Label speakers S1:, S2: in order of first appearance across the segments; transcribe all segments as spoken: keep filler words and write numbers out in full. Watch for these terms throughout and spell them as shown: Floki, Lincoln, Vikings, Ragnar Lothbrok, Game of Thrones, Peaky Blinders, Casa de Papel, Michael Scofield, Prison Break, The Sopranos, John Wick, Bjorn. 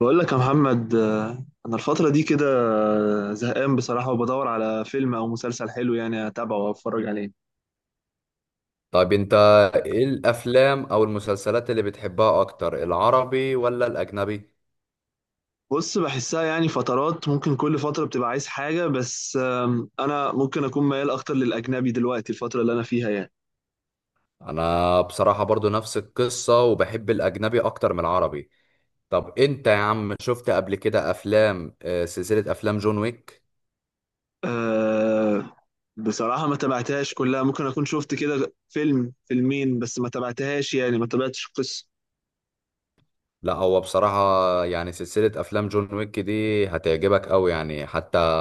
S1: بقول لك يا محمد، آه، انا الفتره دي كده زهقان بصراحه، وبدور على فيلم او مسلسل حلو يعني اتابعه واتفرج عليه.
S2: طيب، انت ايه الافلام او المسلسلات اللي بتحبها اكتر، العربي ولا الاجنبي؟
S1: بص، بحسها يعني فترات، ممكن كل فتره بتبقى عايز حاجه، بس آم، انا ممكن اكون ميال اكتر للاجنبي دلوقتي الفتره اللي انا فيها يعني.
S2: انا بصراحة برضو نفس القصة، وبحب الاجنبي اكتر من العربي. طب انت يا عم شفت قبل كده افلام، آه، سلسلة افلام جون ويك؟
S1: أه. بصراحه ما تابعتهاش كلها، ممكن اكون شفت كده فيلم فيلمين، بس ما تابعتهاش يعني ما تابعتش القصه.
S2: لا، هو بصراحة يعني سلسلة افلام جون ويك دي هتعجبك قوي، يعني حتى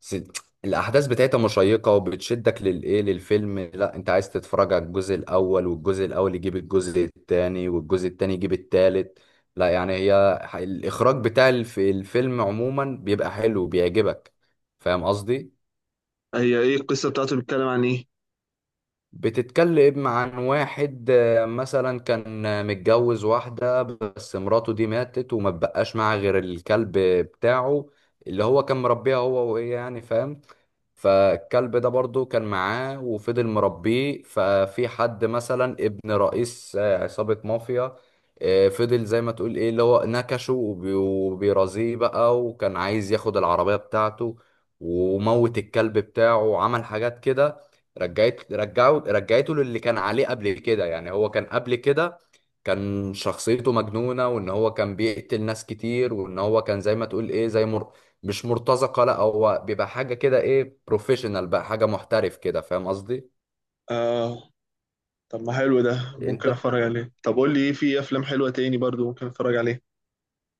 S2: س- الاحداث بتاعتها مشيقه وبتشدك للايه، للفيلم. لا، انت عايز تتفرج على الجزء الاول، والجزء الاول يجيب الجزء الثاني، والجزء الثاني يجيب الثالث. لا يعني هي ح- الاخراج بتاع الف- الفيلم عموما بيبقى حلو، بيعجبك. فاهم قصدي؟
S1: هي ايه القصه بتاعته؟ بيتكلم عن ايه؟
S2: بتتكلم عن واحد آه، مثلا كان آه، متجوز واحده، بس مراته دي ماتت وما بقاش معاه غير الكلب بتاعه، اللي هو كان مربيها هو وهي، يعني فاهم. فالكلب ده برضو كان معاه وفضل مربيه. ففي حد مثلا ابن رئيس آه، عصابة مافيا. آه، فضل زي ما تقول ايه، اللي هو نكشه وبي- وبيرازيه بقى، وكان عايز ياخد العربية بتاعته وموت الكلب بتاعه، وعمل حاجات كده. رجعت رجعه رجعته للي كان عليه قبل كده. يعني هو كان قبل كده، كان شخصيته مجنونة، وان هو كان بيقتل ناس كتير، وان هو كان زي ما تقول ايه، زي مش مرتزقه، لا هو بيبقى حاجه كده، ايه، بروفيشنال بقى، حاجه محترف كده. فاهم قصدي؟
S1: آه. طب ما حلو، ده
S2: انت،
S1: ممكن اتفرج عليه. طب قول لي، ايه في افلام حلوه تاني برضو ممكن اتفرج عليه؟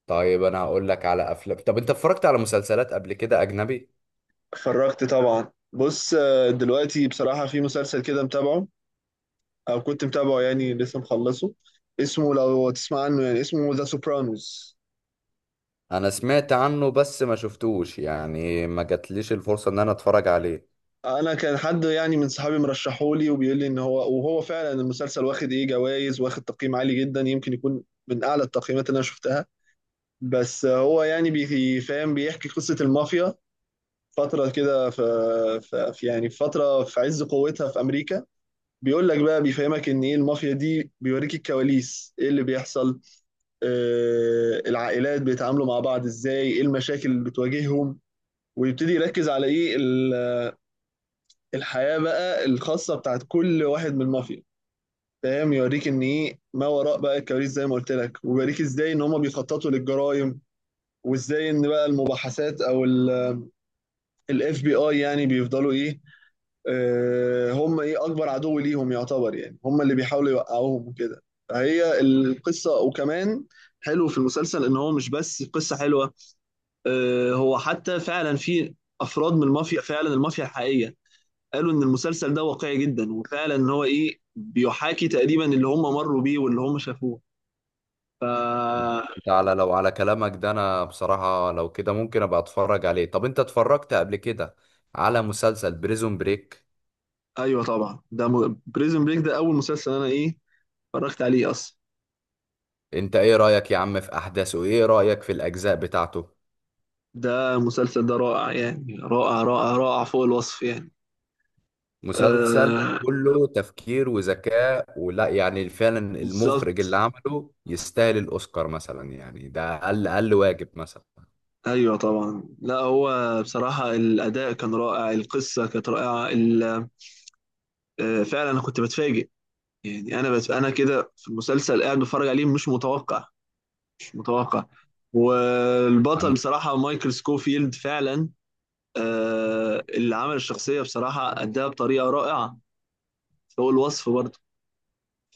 S2: طيب انا هقول لك على افلام. طب انت اتفرجت على مسلسلات قبل كده اجنبي؟
S1: اتفرجت طبعا. بص، آه، دلوقتي بصراحه في مسلسل كده متابعه، او كنت متابعه يعني لسه مخلصه. اسمه لو تسمع عنه، يعني اسمه ذا سوبرانوز.
S2: انا سمعت عنه بس ما شفتوش، يعني ما جاتليش الفرصه ان انا اتفرج عليه.
S1: انا كان حد يعني من صحابي مرشحولي وبيقول لي ان هو، وهو فعلا المسلسل واخد ايه جوائز، واخد تقييم عالي جدا، يمكن يكون من اعلى التقييمات اللي انا شفتها. بس هو يعني بيفهم، بيحكي قصه المافيا فترة كده في في في- يعني في فترة في عز قوتها في أمريكا. بيقول لك بقى، بيفهمك إن إيه المافيا دي، بيوريك الكواليس، إيه اللي بيحصل. آه، العائلات بيتعاملوا مع بعض إزاي، إيه المشاكل اللي بتواجههم. ويبتدي يركز على إيه ال- الحياة بقى الخاصة بتاعت كل واحد من المافيا. فاهم، يوريك إن إيه ما وراء بقى الكواليس زي ما قلت لك، ويوريك إزاي إن هما بيخططوا للجرائم، وإزاي إن بقى المباحثات أو ال اف بي اي يعني بيفضلوا ايه. آه، هم ايه اكبر عدو ليهم يعتبر، يعني هم اللي بيحاولوا يوقعوهم وكده. فهي القصه. وكمان حلو في المسلسل ان هو مش بس قصه حلوه، آه، هو حتى فعلا في افراد من المافيا، فعلا المافيا الحقيقيه، قالوا ان المسلسل ده واقعي جدا، وفعلا ان هو ايه بيحاكي تقريبا اللي هم مروا بيه واللي هم شافوه. فا.
S2: انت، على، لو على كلامك ده، انا بصراحه لو كده ممكن ابقى اتفرج عليه. طب انت اتفرجت قبل كده على مسلسل بريزون بريك؟
S1: ايوه طبعا، ده م... بريزن بريك ده اول مسلسل انا ايه اتفرجت عليه اصلا.
S2: انت ايه رايك يا عم في احداثه؟ ايه رايك في الاجزاء بتاعته؟
S1: ده المسلسل ده رائع، يعني رائع رائع رائع، فوق الوصف يعني.
S2: مسلسل
S1: آه.
S2: كله تفكير وذكاء، ولا يعني فعلا المخرج
S1: بالظبط.
S2: اللي عمله يستاهل الأوسكار مثلا، يعني ده أقل أقل واجب مثلا.
S1: ايوه طبعا. لا هو بصراحه الاداء كان رائع، القصه كانت رائعه، ال- آه فعلا انا كنت بتفاجئ. يعني انا بس انا كده في المسلسل قاعد بتفرج عليه، مش متوقع، مش متوقع. والبطل
S2: أنا
S1: بصراحه مايكل سكوفيلد فعلا، آه، اللي عمل الشخصيه بصراحه اداها بطريقه رائعه، فوق الوصف برضه.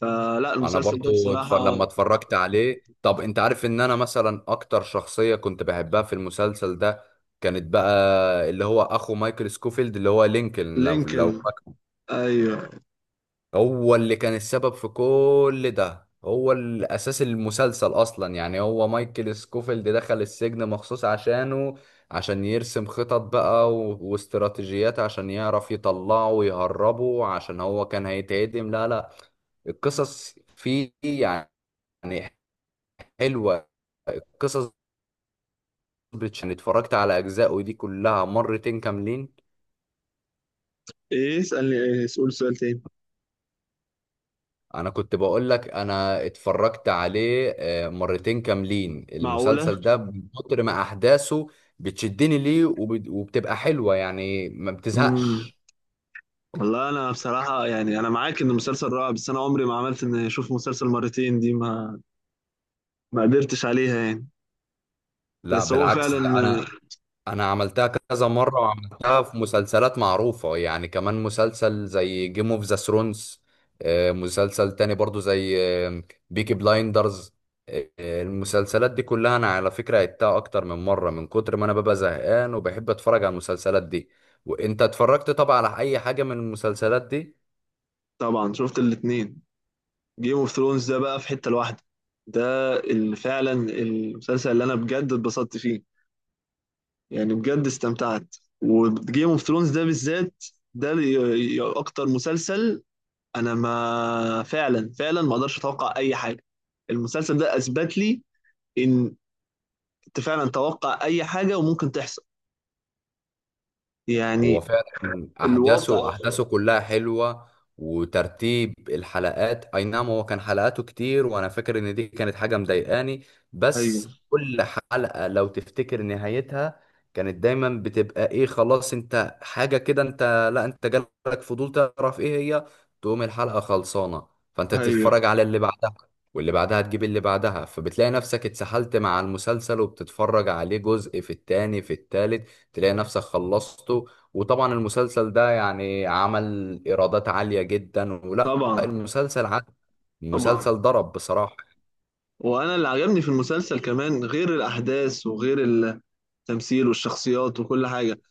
S1: فلا
S2: أنا
S1: المسلسل ده
S2: برضو اتفر...
S1: بصراحه.
S2: لما اتفرجت عليه. طب أنت عارف إن أنا مثلا أكتر شخصية كنت بحبها في المسلسل ده؟ كانت بقى اللي هو أخو مايكل سكوفيلد، اللي هو لينكولن. لو, لو
S1: لينكولن. ايوه.
S2: هو اللي كان السبب في كل ده، هو الأساس المسلسل أصلا. يعني هو مايكل سكوفيلد دخل السجن مخصوص عشانه، عشان يرسم خطط بقى و... واستراتيجيات، عشان يعرف يطلعه ويهربه، عشان هو كان هيتعدم. لا، لا، القصص فيه يعني حلوة، قصص بتش- يعني اتفرجت على أجزاء، ودي كلها مرتين كاملين.
S1: ايه؟ اسالني، ايه؟ اسال سؤال تاني.
S2: انا كنت بقول لك، انا اتفرجت عليه آه، مرتين كاملين
S1: معقوله؟
S2: المسلسل ده، من كتر ما احداثه بتشدني ليه، وب- وبتبقى حلوة، يعني ما
S1: امم
S2: بتزهقش.
S1: والله، انا بصراحه يعني انا معاك ان المسلسل رائع، بس انا عمري ما عملت ان اشوف مسلسل مرتين، دي ما، ما قدرتش عليها يعني.
S2: لا
S1: بس هو
S2: بالعكس،
S1: فعلا.
S2: ده انا انا عملتها كذا مره، وعملتها في مسلسلات معروفه، يعني كمان مسلسل زي جيم اوف ذا ثرونز، مسلسل تاني برضو زي بيكي بلايندرز. المسلسلات دي كلها انا على فكره عدتها اكتر من مره، من كتر ما انا ببقى زهقان وبحب اتفرج على المسلسلات دي. وانت اتفرجت طبعا على اي حاجه من المسلسلات دي؟
S1: طبعا، شفت الاتنين. جيم اوف ثرونز ده بقى في حته لوحده. ده اللي فعلا المسلسل اللي انا بجد اتبسطت فيه، يعني بجد استمتعت. وجيم اوف ثرونز ده بالذات، ده اللي ي- ي- اكتر مسلسل انا ما فعلا فعلا ما اقدرش اتوقع اي حاجه. المسلسل ده اثبت لي ان انت فعلا توقع اي حاجه وممكن تحصل
S2: هو
S1: يعني.
S2: فعلا احداثه
S1: الوضع.
S2: احداثه كلها حلوه، وترتيب الحلقات. اي نعم، هو كان حلقاته كتير، وانا فاكر ان دي كانت حاجه مضايقاني،
S1: ايوه،
S2: بس كل حلقه لو تفتكر نهايتها كانت دايما بتبقى ايه، خلاص انت حاجه كده. انت، لا، انت جالك فضول تعرف ايه هي، تقوم الحلقه خلصانه، فانت
S1: ايوه
S2: تتفرج على اللي بعدها، واللي بعدها تجيب اللي بعدها، فبتلاقي نفسك اتسحلت مع المسلسل، وبتتفرج عليه جزء في التاني، في التالت تلاقي نفسك خلصته. وطبعا المسلسل ده يعني عمل ايرادات عالية جدا، ولا
S1: طبعا،
S2: المسلسل عاد،
S1: طبعا.
S2: المسلسل ضرب بصراحة.
S1: وانا اللي عجبني في المسلسل كمان غير الاحداث وغير التمثيل والشخصيات وكل حاجه،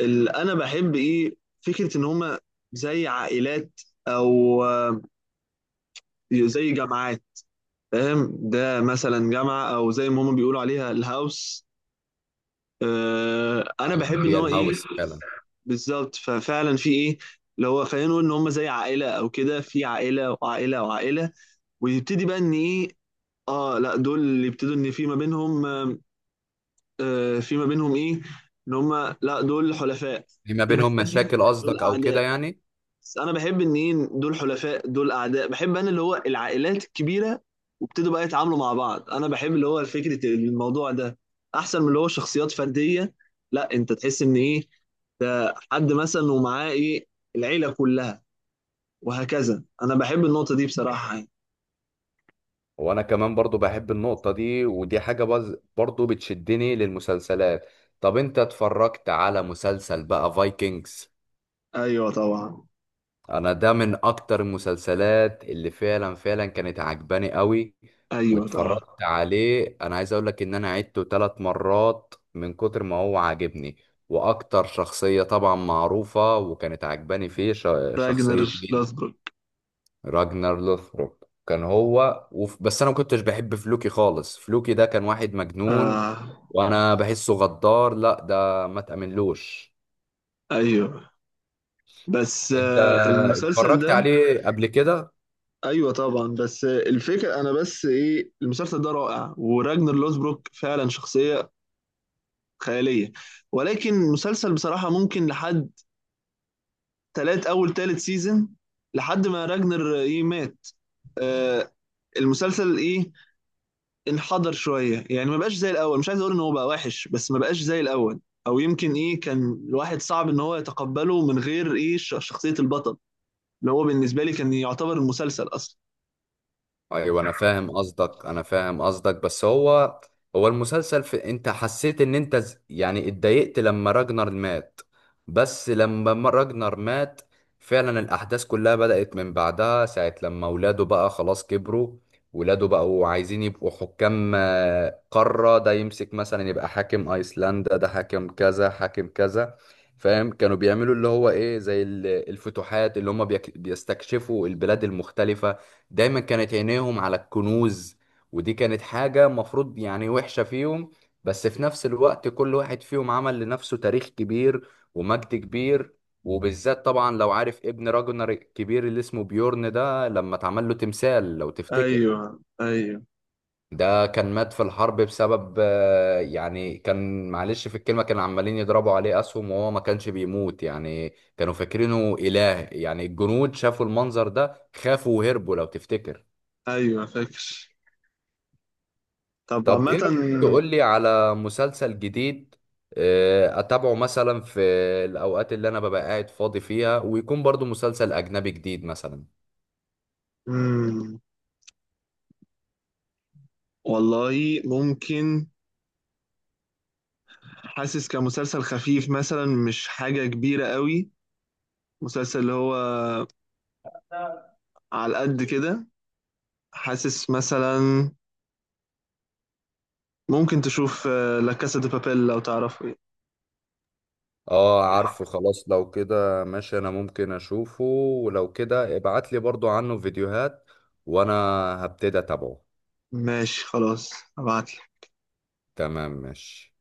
S1: اللي انا بحب ايه فكره ان هما زي عائلات، او آه، زي جامعات. فاهم، ده مثلا جامعه او زي ما هما بيقولوا عليها الهاوس. آه، انا بحب ان
S2: هي
S1: هو ايه.
S2: الهاوس فعلا.
S1: بالظبط. ففعلا في ايه، اللي هو خلينا نقول ان هم زي عائله او كده، في عائله وعائله وعائله، ويبتدي بقى ان ايه. اه لا، دول اللي يبتدوا ان في ما بينهم آه، آه، في ما بينهم ايه، ان هم لا دول حلفاء.
S2: في ما
S1: في ناس
S2: بينهم
S1: تانية
S2: مشاكل
S1: دول
S2: قصدك، او كده
S1: اعداء.
S2: يعني؟
S1: بس انا بحب ان ايه دول حلفاء دول اعداء، بحب انا اللي هو العائلات الكبيره، وابتدوا بقى يتعاملوا مع بعض. انا بحب اللي هو فكره الموضوع ده، احسن من اللي هو شخصيات فرديه. لا، انت تحس ان ايه ده حد مثلا ومعاه ايه العيله كلها، وهكذا. انا بحب النقطه دي بصراحه يعني.
S2: وانا كمان برضو بحب النقطة دي، ودي حاجة بز- برضو بتشدني للمسلسلات. طب انت اتفرجت على مسلسل بقى فايكنجز؟
S1: ايوه طبعا.
S2: انا ده من اكتر المسلسلات اللي فعلا فعلا كانت عجباني قوي.
S1: ايوه طبعا.
S2: واتفرجت عليه، انا عايز اقول لك ان انا عدته تلات مرات من كتر ما هو عاجبني. واكتر شخصية طبعا معروفة وكانت عجباني فيه، ش-
S1: راجنر
S2: شخصية مين؟
S1: لاثبروك.
S2: راجنر لوثبروك، كان هو وف... بس انا ما كنتش بحب فلوكي خالص، فلوكي ده كان واحد مجنون،
S1: آه.
S2: وانا بحسه غدار، لا ده ما تأمنلوش.
S1: ايوه، بس
S2: انت
S1: آه المسلسل
S2: اتفرجت
S1: ده.
S2: عليه قبل كده؟
S1: ايوه طبعا، بس آه الفكره، انا بس ايه المسلسل ده رائع، وراجنر لوزبروك فعلا شخصيه خياليه، ولكن المسلسل بصراحه ممكن لحد تلات، اول تالت سيزون، لحد ما راجنر ايه مات، آه، المسلسل ايه انحدر شويه، يعني ما بقاش زي الاول، مش عايز اقول ان هو بقى وحش، بس ما بقاش زي الاول. او يمكن ايه كان الواحد صعب ان هو يتقبله من غير ايه ش- شخصيه البطل، اللي هو بالنسبة لي كان يعتبر المسلسل أصلا.
S2: ايوه، انا فاهم قصدك، انا فاهم قصدك، بس هو، هو المسلسل، في انت حسيت ان انت ز- يعني اتضايقت لما راجنر مات؟ بس لما ما- راجنر مات، فعلا الاحداث كلها بدأت من بعدها، ساعة لما ولاده بقى خلاص كبروا، ولاده بقوا عايزين يبقوا حكام آه، قارة، ده يمسك مثلا يبقى حاكم ايسلندا، ده حاكم كذا حاكم كذا. فاهم، كانوا بيعملوا اللي هو ايه، زي ال- الفتوحات اللي هم بيستكشفوا البلاد المختلفة. دايما كانت عينيهم على الكنوز، ودي كانت حاجة مفروض يعني وحشة فيهم. بس في نفس الوقت، كل واحد فيهم عمل لنفسه تاريخ كبير ومجد كبير. وبالذات طبعا لو عارف، ابن راجنر الكبير اللي اسمه بيورن ده، لما اتعمل له تمثال لو تفتكر.
S1: ايوه، ايوه.
S2: ده كان مات في الحرب بسبب آه، يعني كان معلش في الكلمة، كانوا عمالين يضربوا عليه أسهم وهو ما كانش بيموت، يعني كانوا فاكرينه إله، يعني الجنود شافوا المنظر ده، خافوا وهربوا لو تفتكر.
S1: ايوه فاكر. طب
S2: طب ايه
S1: عامة.
S2: رأيك تقول لي على مسلسل جديد آه، اتابعه مثلا في الاوقات اللي انا ببقى قاعد فاضي فيها، ويكون برضو مسلسل اجنبي جديد مثلا؟
S1: مم، والله ممكن، حاسس كمسلسل خفيف مثلا، مش حاجة كبيرة قوي، مسلسل اللي هو على قد كده، حاسس مثلا ممكن تشوف، آه، لا كاسا دي بابيل، لو تعرفه.
S2: اه، عارفه، خلاص لو كده ماشي، انا ممكن اشوفه. ولو كده ابعت لي برضو عنه فيديوهات، وانا هبتدي اتابعه.
S1: ماشي خلاص، هبعت
S2: تمام، ماشي.